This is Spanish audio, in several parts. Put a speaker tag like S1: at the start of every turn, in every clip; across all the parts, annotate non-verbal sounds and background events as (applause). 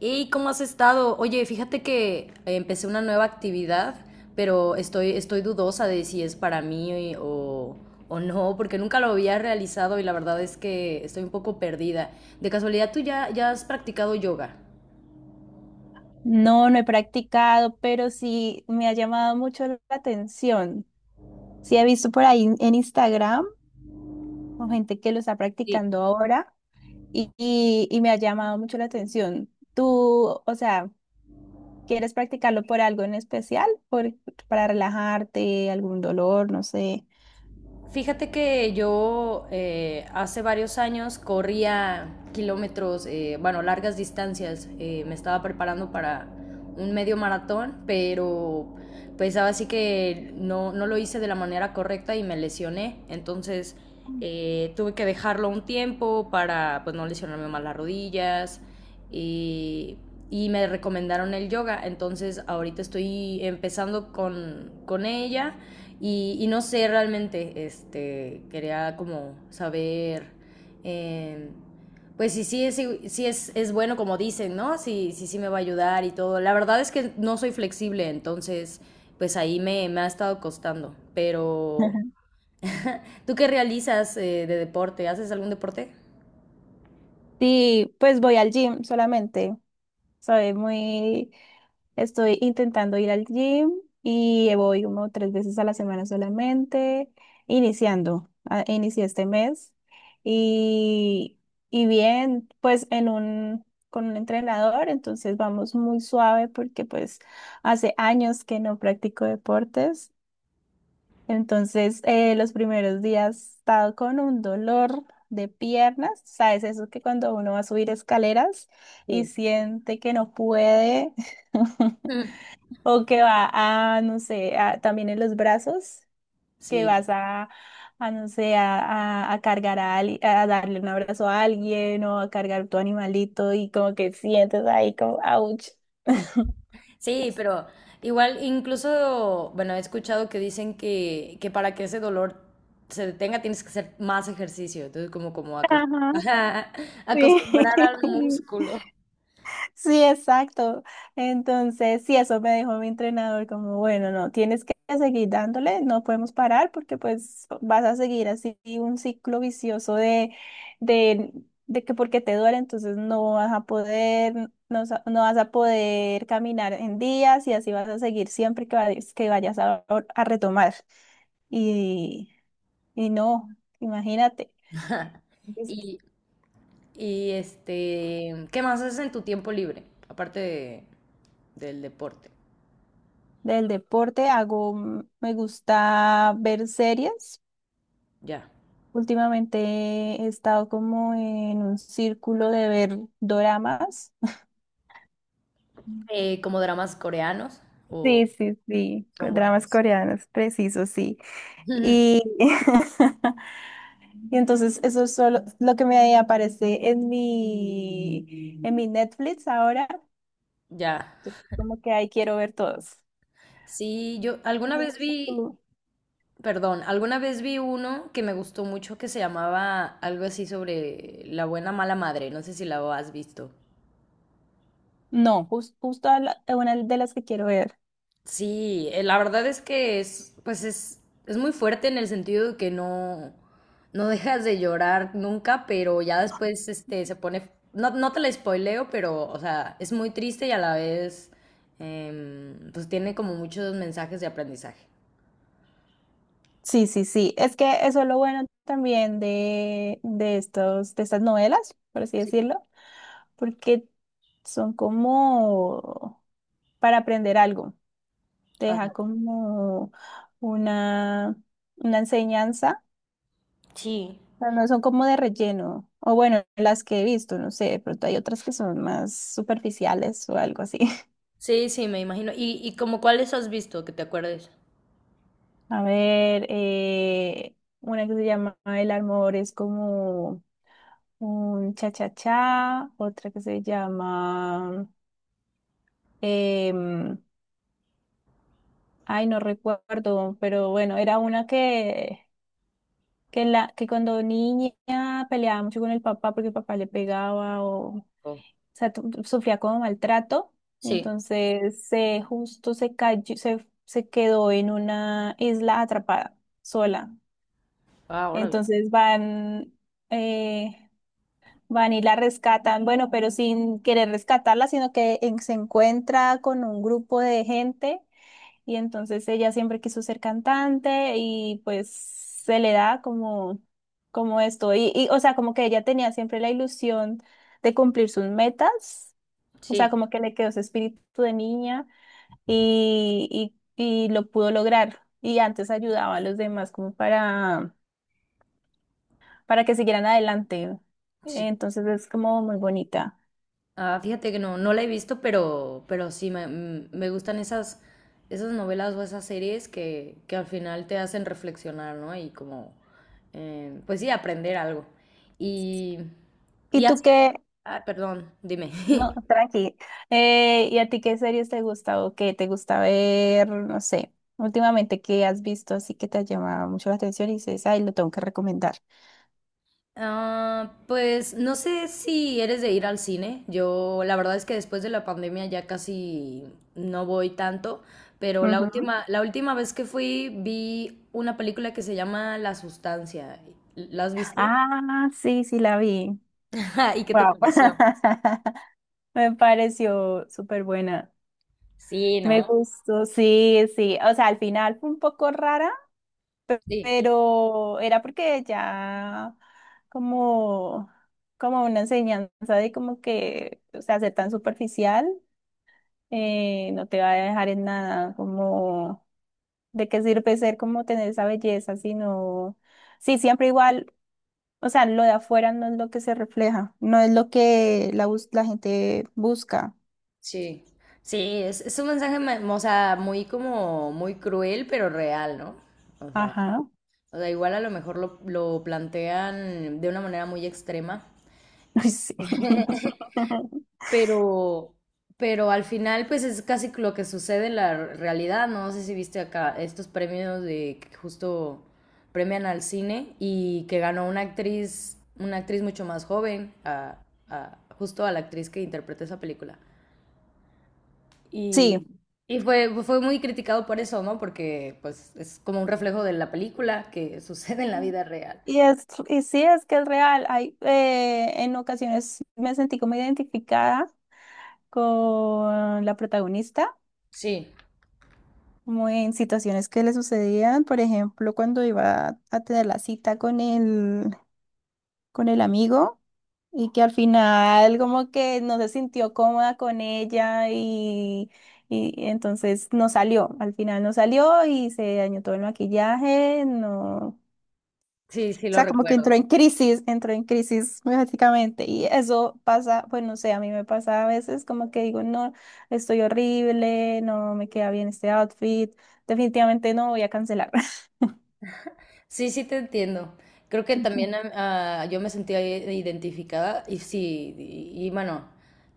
S1: ¿Y cómo has estado? Oye, fíjate que empecé una nueva actividad, pero estoy dudosa de si es para mí o no, porque nunca lo había realizado y la verdad es que estoy un poco perdida. De casualidad, ¿tú ya has practicado yoga?
S2: No, no he practicado, pero sí me ha llamado mucho la atención. Sí he visto por ahí en Instagram o gente que lo está
S1: Sí.
S2: practicando ahora y me ha llamado mucho la atención. ¿Tú, o sea, quieres practicarlo por algo en especial? Por, para relajarte, algún dolor, no sé.
S1: Fíjate que yo hace varios años corría kilómetros, largas distancias. Me estaba preparando para un medio maratón, pero pues ahora sí que no lo hice de la manera correcta y me lesioné. Entonces tuve que dejarlo un tiempo para pues no lesionarme más las rodillas y, y me recomendaron el yoga. Entonces ahorita estoy empezando con ella y, no sé realmente, quería como saber... Eh, pues sí es bueno como dicen, ¿no? Sí me va a ayudar y todo. La verdad es que no soy flexible, entonces, pues ahí me ha estado costando. Pero,
S2: (laughs)
S1: ¿tú qué realizas de deporte? ¿Haces algún deporte?
S2: Sí, pues voy al gym solamente. Soy muy, estoy intentando ir al gym y voy como 3 veces a la semana solamente, iniciando, inicié este mes y, y bien, pues en un, con un entrenador, entonces vamos muy suave porque pues hace años que no practico deportes. Entonces, los primeros días he estado con un dolor de piernas, ¿sabes? Eso que cuando uno va a subir escaleras y
S1: Sí.
S2: siente que no puede, (laughs)
S1: Mm.
S2: o que va a, no sé, también en los brazos, que
S1: Sí,
S2: vas a, no sé, a, a cargar a, a darle un abrazo a alguien o a cargar tu animalito y como que sientes ahí como, ouch. (laughs)
S1: sí, pero igual incluso, bueno, he escuchado que dicen que para que ese dolor se detenga tienes que hacer más ejercicio, entonces como acos-
S2: Ajá,
S1: (laughs)
S2: sí.
S1: acostumbrar al
S2: (laughs)
S1: músculo.
S2: Sí, exacto. Entonces, sí, eso me dijo mi entrenador, como, bueno, no, tienes que seguir dándole, no podemos parar porque pues vas a seguir así un ciclo vicioso de, de que porque te duele, entonces no vas a poder, no, no vas a poder caminar en días y así vas a seguir siempre que vayas a retomar. Y, y no, imagínate,
S1: (laughs)
S2: es-
S1: Y, y este, ¿qué más haces en tu tiempo libre? Aparte de- del deporte,
S2: del deporte hago, mm, me gusta ver series.
S1: ya.
S2: Últimamente he estado como en un círculo de ver doramas.
S1: ¿Eh, como dramas coreanos o
S2: Sí, sí, sí,
S1: son
S2: dramas
S1: buenos?
S2: coreanos, preciso, sí.
S1: (laughs)
S2: Y, (laughs) y entonces eso es solo lo que me aparece en mi Netflix ahora.
S1: Ya.
S2: Entonces, como que ahí quiero ver todos.
S1: Sí, yo
S2: Y
S1: alguna
S2: no
S1: vez
S2: sé tú.
S1: perdón, alguna vez vi uno que me gustó mucho que se llamaba algo así sobre la buena mala madre. No sé si la has visto.
S2: No, justo a una de las que quiero ver.
S1: Sí, la verdad es que pues es muy fuerte en el sentido de que no dejas de llorar nunca, pero ya después se pone, no te la spoileo, pero, o sea, es muy triste y a la vez, pues tiene como muchos mensajes de aprendizaje.
S2: Sí, sí, sí. Es que eso es lo bueno también de estos, de estas novelas, por así
S1: Sí.
S2: decirlo, porque son como para aprender algo. Te deja
S1: Ándale.
S2: como una, una enseñanza,
S1: Sí,
S2: pero no son como de relleno. O bueno, las que he visto, no sé, de pronto hay otras que son más superficiales o algo así. (laughs)
S1: sí, Me imagino. Y como cuáles has visto que te acuerdes?
S2: A ver, una que se llama El amor es como un cha-cha-cha, otra que se llama... em, ay, no recuerdo, pero bueno, era una que la que cuando niña peleaba mucho con el papá porque el papá le pegaba o
S1: Oh.
S2: sea, sufría como maltrato.
S1: Sí,
S2: Entonces se justo se cayó, se quedó en una isla atrapada sola. Entonces van, eh, van y la rescatan, bueno, pero sin querer rescatarla, sino que se encuentra con un grupo de gente y entonces ella siempre quiso ser cantante y pues se le da como, como esto. Y, o sea, como que ella tenía siempre la ilusión de cumplir sus metas. O sea,
S1: sí,
S2: como que le quedó ese espíritu de niña y lo pudo lograr. Y antes ayudaba a los demás como para que siguieran adelante.
S1: sí.
S2: Entonces es como muy bonita.
S1: Ah, fíjate que no la he visto, pero sí me gustan esas, esas novelas o esas series que al final te hacen reflexionar, ¿no? Y como, pues sí, aprender algo. Y,
S2: ¿Y
S1: y
S2: tú
S1: así,
S2: qué,
S1: ah, perdón, dime.
S2: no,
S1: (laughs)
S2: tranqui. ¿Y a ti qué series te gusta o qué te gusta ver? No sé, últimamente qué has visto así que te ha llamado mucho la atención y dices, ay, lo tengo que recomendar.
S1: Ah, pues no sé si eres de ir al cine. Yo la verdad es que después de la pandemia ya casi no voy tanto, pero
S2: Ujú.
S1: la última vez que fui vi una película que se llama La Sustancia. ¿La has visto?
S2: Ah, sí, sí, la vi.
S1: (laughs) ¿Y qué te
S2: Wow.
S1: pareció?
S2: (laughs) Me pareció súper buena.
S1: Sí,
S2: Me
S1: ¿no?
S2: gustó, sí, sí. O sea, al final fue un poco rara,
S1: Sí,
S2: pero era porque ya como, como una enseñanza de como que, o sea, ser tan superficial. No te va a dejar en nada, como de qué sirve ser como tener esa belleza, sino, sí, siempre igual, o sea, lo de afuera no es lo que se refleja, no es lo que la, la gente busca.
S1: sí. Sí, es un mensaje, ma- o sea, muy como, muy cruel, pero real, ¿no? O sea,
S2: Ajá,
S1: o sea, igual a lo mejor lo plantean de una manera muy extrema.
S2: (laughs) ay, sí. (laughs)
S1: Pero, pero al final, pues es casi lo que sucede en la realidad, ¿no? No sé si viste acá estos premios de que justo premian al cine y que ganó una actriz mucho más joven, a- justo a la actriz que interpretó esa película. Y,
S2: Sí.
S1: y fue muy criticado por eso, ¿no? Porque pues es como un reflejo de la película que (laughs) sucede en la vida real.
S2: Y, es, y sí, es que es real. Hay, en ocasiones me sentí como identificada con la protagonista
S1: Sí,
S2: como en situaciones que le sucedían, por ejemplo, cuando iba a tener la cita con el amigo y que al final como que no se sintió cómoda con ella y entonces no salió, al final no salió y se dañó todo el maquillaje, no, o
S1: sí lo
S2: sea, como que
S1: recuerdo.
S2: entró en crisis básicamente y eso pasa, pues no sé, a mí me pasa a veces como que digo, no, estoy horrible, no me queda bien este outfit. Definitivamente no voy a cancelar.
S1: Sí, sí te entiendo. Creo que también yo me sentía i- identificada y sí, y bueno,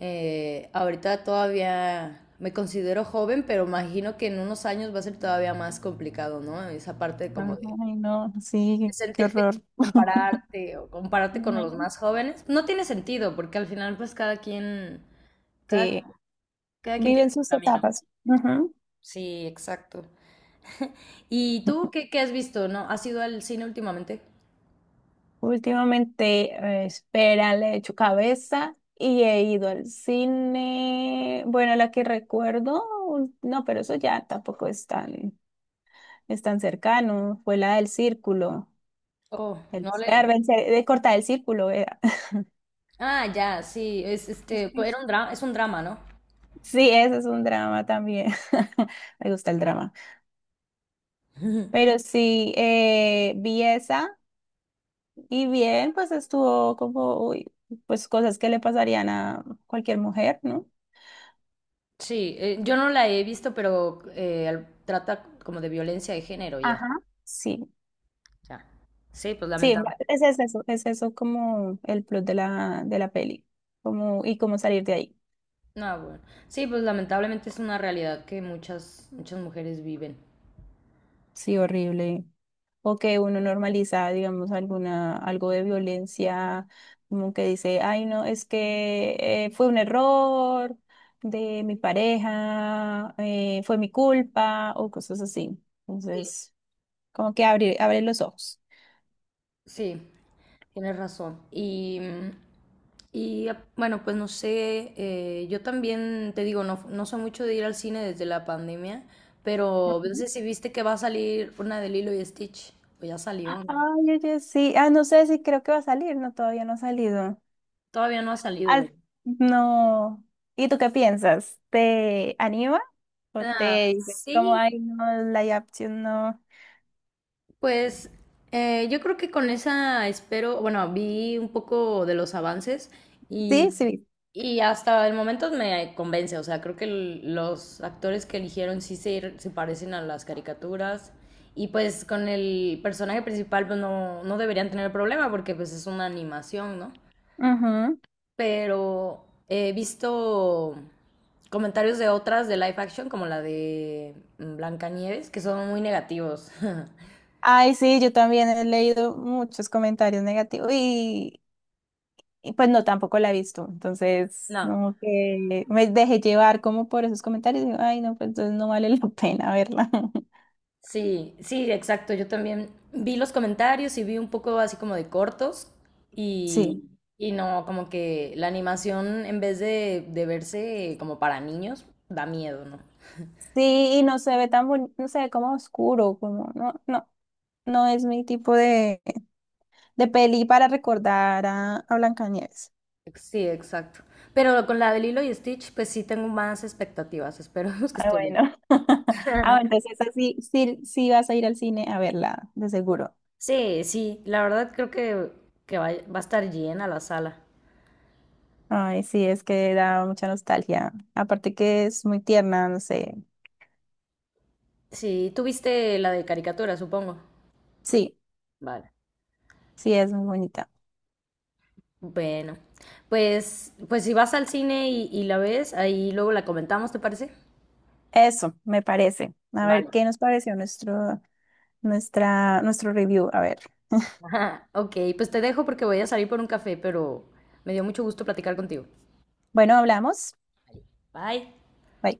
S1: ahorita todavía me considero joven, pero imagino que en unos años va a ser todavía más complicado, ¿no? Esa parte como
S2: Ay, no,
S1: de
S2: sí, qué, qué
S1: sentirte,
S2: horror. (laughs)
S1: compararte con
S2: Ujú.
S1: los más jóvenes. No tiene sentido, porque al final pues cada,
S2: Sí,
S1: cada quien
S2: viven
S1: tiene su
S2: sus
S1: camino.
S2: etapas. Ujú.
S1: Sí, exacto. ¿Y tú qué has visto? ¿No? ¿Has ido al cine últimamente?
S2: Últimamente, espera, le he hecho cabeza y he ido al cine. Bueno, la que recuerdo, no, pero eso ya tampoco es tan, es tan cercano. Fue la del círculo,
S1: Oh,
S2: el,
S1: no le...
S2: de cortar el círculo, era. (laughs)
S1: Ah, ya, sí, es
S2: Sí,
S1: es un drama, ¿no?
S2: sí, ese es un drama también. (laughs) Me gusta el drama.
S1: Ujú.
S2: Pero sí, vi esa. Y bien, pues estuvo como, uy, pues cosas que le pasarían a cualquier mujer, ¿no?
S1: Sí, yo no la he visto, pero al- trata como de violencia de género y
S2: Ajá.
S1: así.
S2: Sí,
S1: Ya. Sí, pues
S2: sí,
S1: lamentable.
S2: es eso como el plot de la peli, como, y cómo salir de ahí.
S1: No, bueno. Sí, pues lamentablemente es una realidad que muchas muchas mujeres viven.
S2: Sí, horrible. O que uno normaliza, digamos, alguna, algo de violencia, como que dice, ay, no, es que fue un error de mi pareja, fue mi culpa, o cosas así. Entonces, como que abre, abre los ojos.
S1: Sí, tienes razón. Y, y ah, bueno, pues no sé, yo también te digo, no, no soy mucho de ir al cine desde la pandemia, pero no
S2: Ujú.
S1: sé si viste que va a salir una de Lilo y Stitch, o ya salió, ¿no?
S2: Ay, oye, sí. Ah, no sé si creo que va a salir. No, todavía no ha salido.
S1: Todavía no ha salido,
S2: Ah,
S1: ¿verdad?
S2: no. ¿Y tú qué piensas? ¿Te anima? ¿O
S1: Ah,
S2: te dice como,
S1: sí.
S2: ay, no, la opción no?
S1: Pues yo creo que con esa espero, bueno, vi un poco de los avances
S2: Sí,
S1: y,
S2: sí.
S1: y hasta el momento me convence, o sea, creo que el- los actores que eligieron sí se parecen a las caricaturas y pues con el personaje principal pues no deberían tener problema porque pues es una animación, ¿no?
S2: Ujú.
S1: Pero he visto comentarios de otras de live action como la de Blancanieves que son muy negativos. (laughs)
S2: Ay, sí, yo también he leído muchos comentarios negativos y pues no, tampoco la he visto. Entonces,
S1: No.
S2: como que me dejé llevar como por esos comentarios y digo, ay, no, pues entonces no vale la pena verla. (laughs)
S1: Sí, sí, exacto. Yo también vi los comentarios y vi un poco así como de cortos
S2: Sí.
S1: y, y no, como que la animación en vez de verse como para niños, da miedo, ¿no?
S2: Sí, y no se ve tan bonito, no se ve como oscuro, como no, no, no es mi tipo de peli para recordar a Blancanieves.
S1: Sí, exacto. Pero con la de Lilo y Stitch, pues sí tengo más expectativas. Esperemos que
S2: Ah,
S1: esté bien.
S2: bueno. (laughs) Ah, bueno, entonces esa sí, sí, sí vas a ir al cine a verla, de seguro.
S1: Sí, la verdad creo que va a estar llena la sala.
S2: Ay, sí, es que da mucha nostalgia. Aparte que es muy tierna, no sé.
S1: Sí, tú viste la de caricatura, supongo.
S2: Sí,
S1: Vale.
S2: sí, es muy bonita.
S1: Bueno, pues, pues si vas al cine y la ves, ahí luego la comentamos, ¿te parece?
S2: Eso, me parece. A ver,
S1: Vale.
S2: ¿qué nos pareció nuestro, nuestra, nuestro review? A ver.
S1: (laughs) Ajá. Ok, pues te dejo porque voy a salir por un café, pero me dio mucho gusto platicar contigo.
S2: Bueno, hablamos.
S1: Bye.
S2: Bye.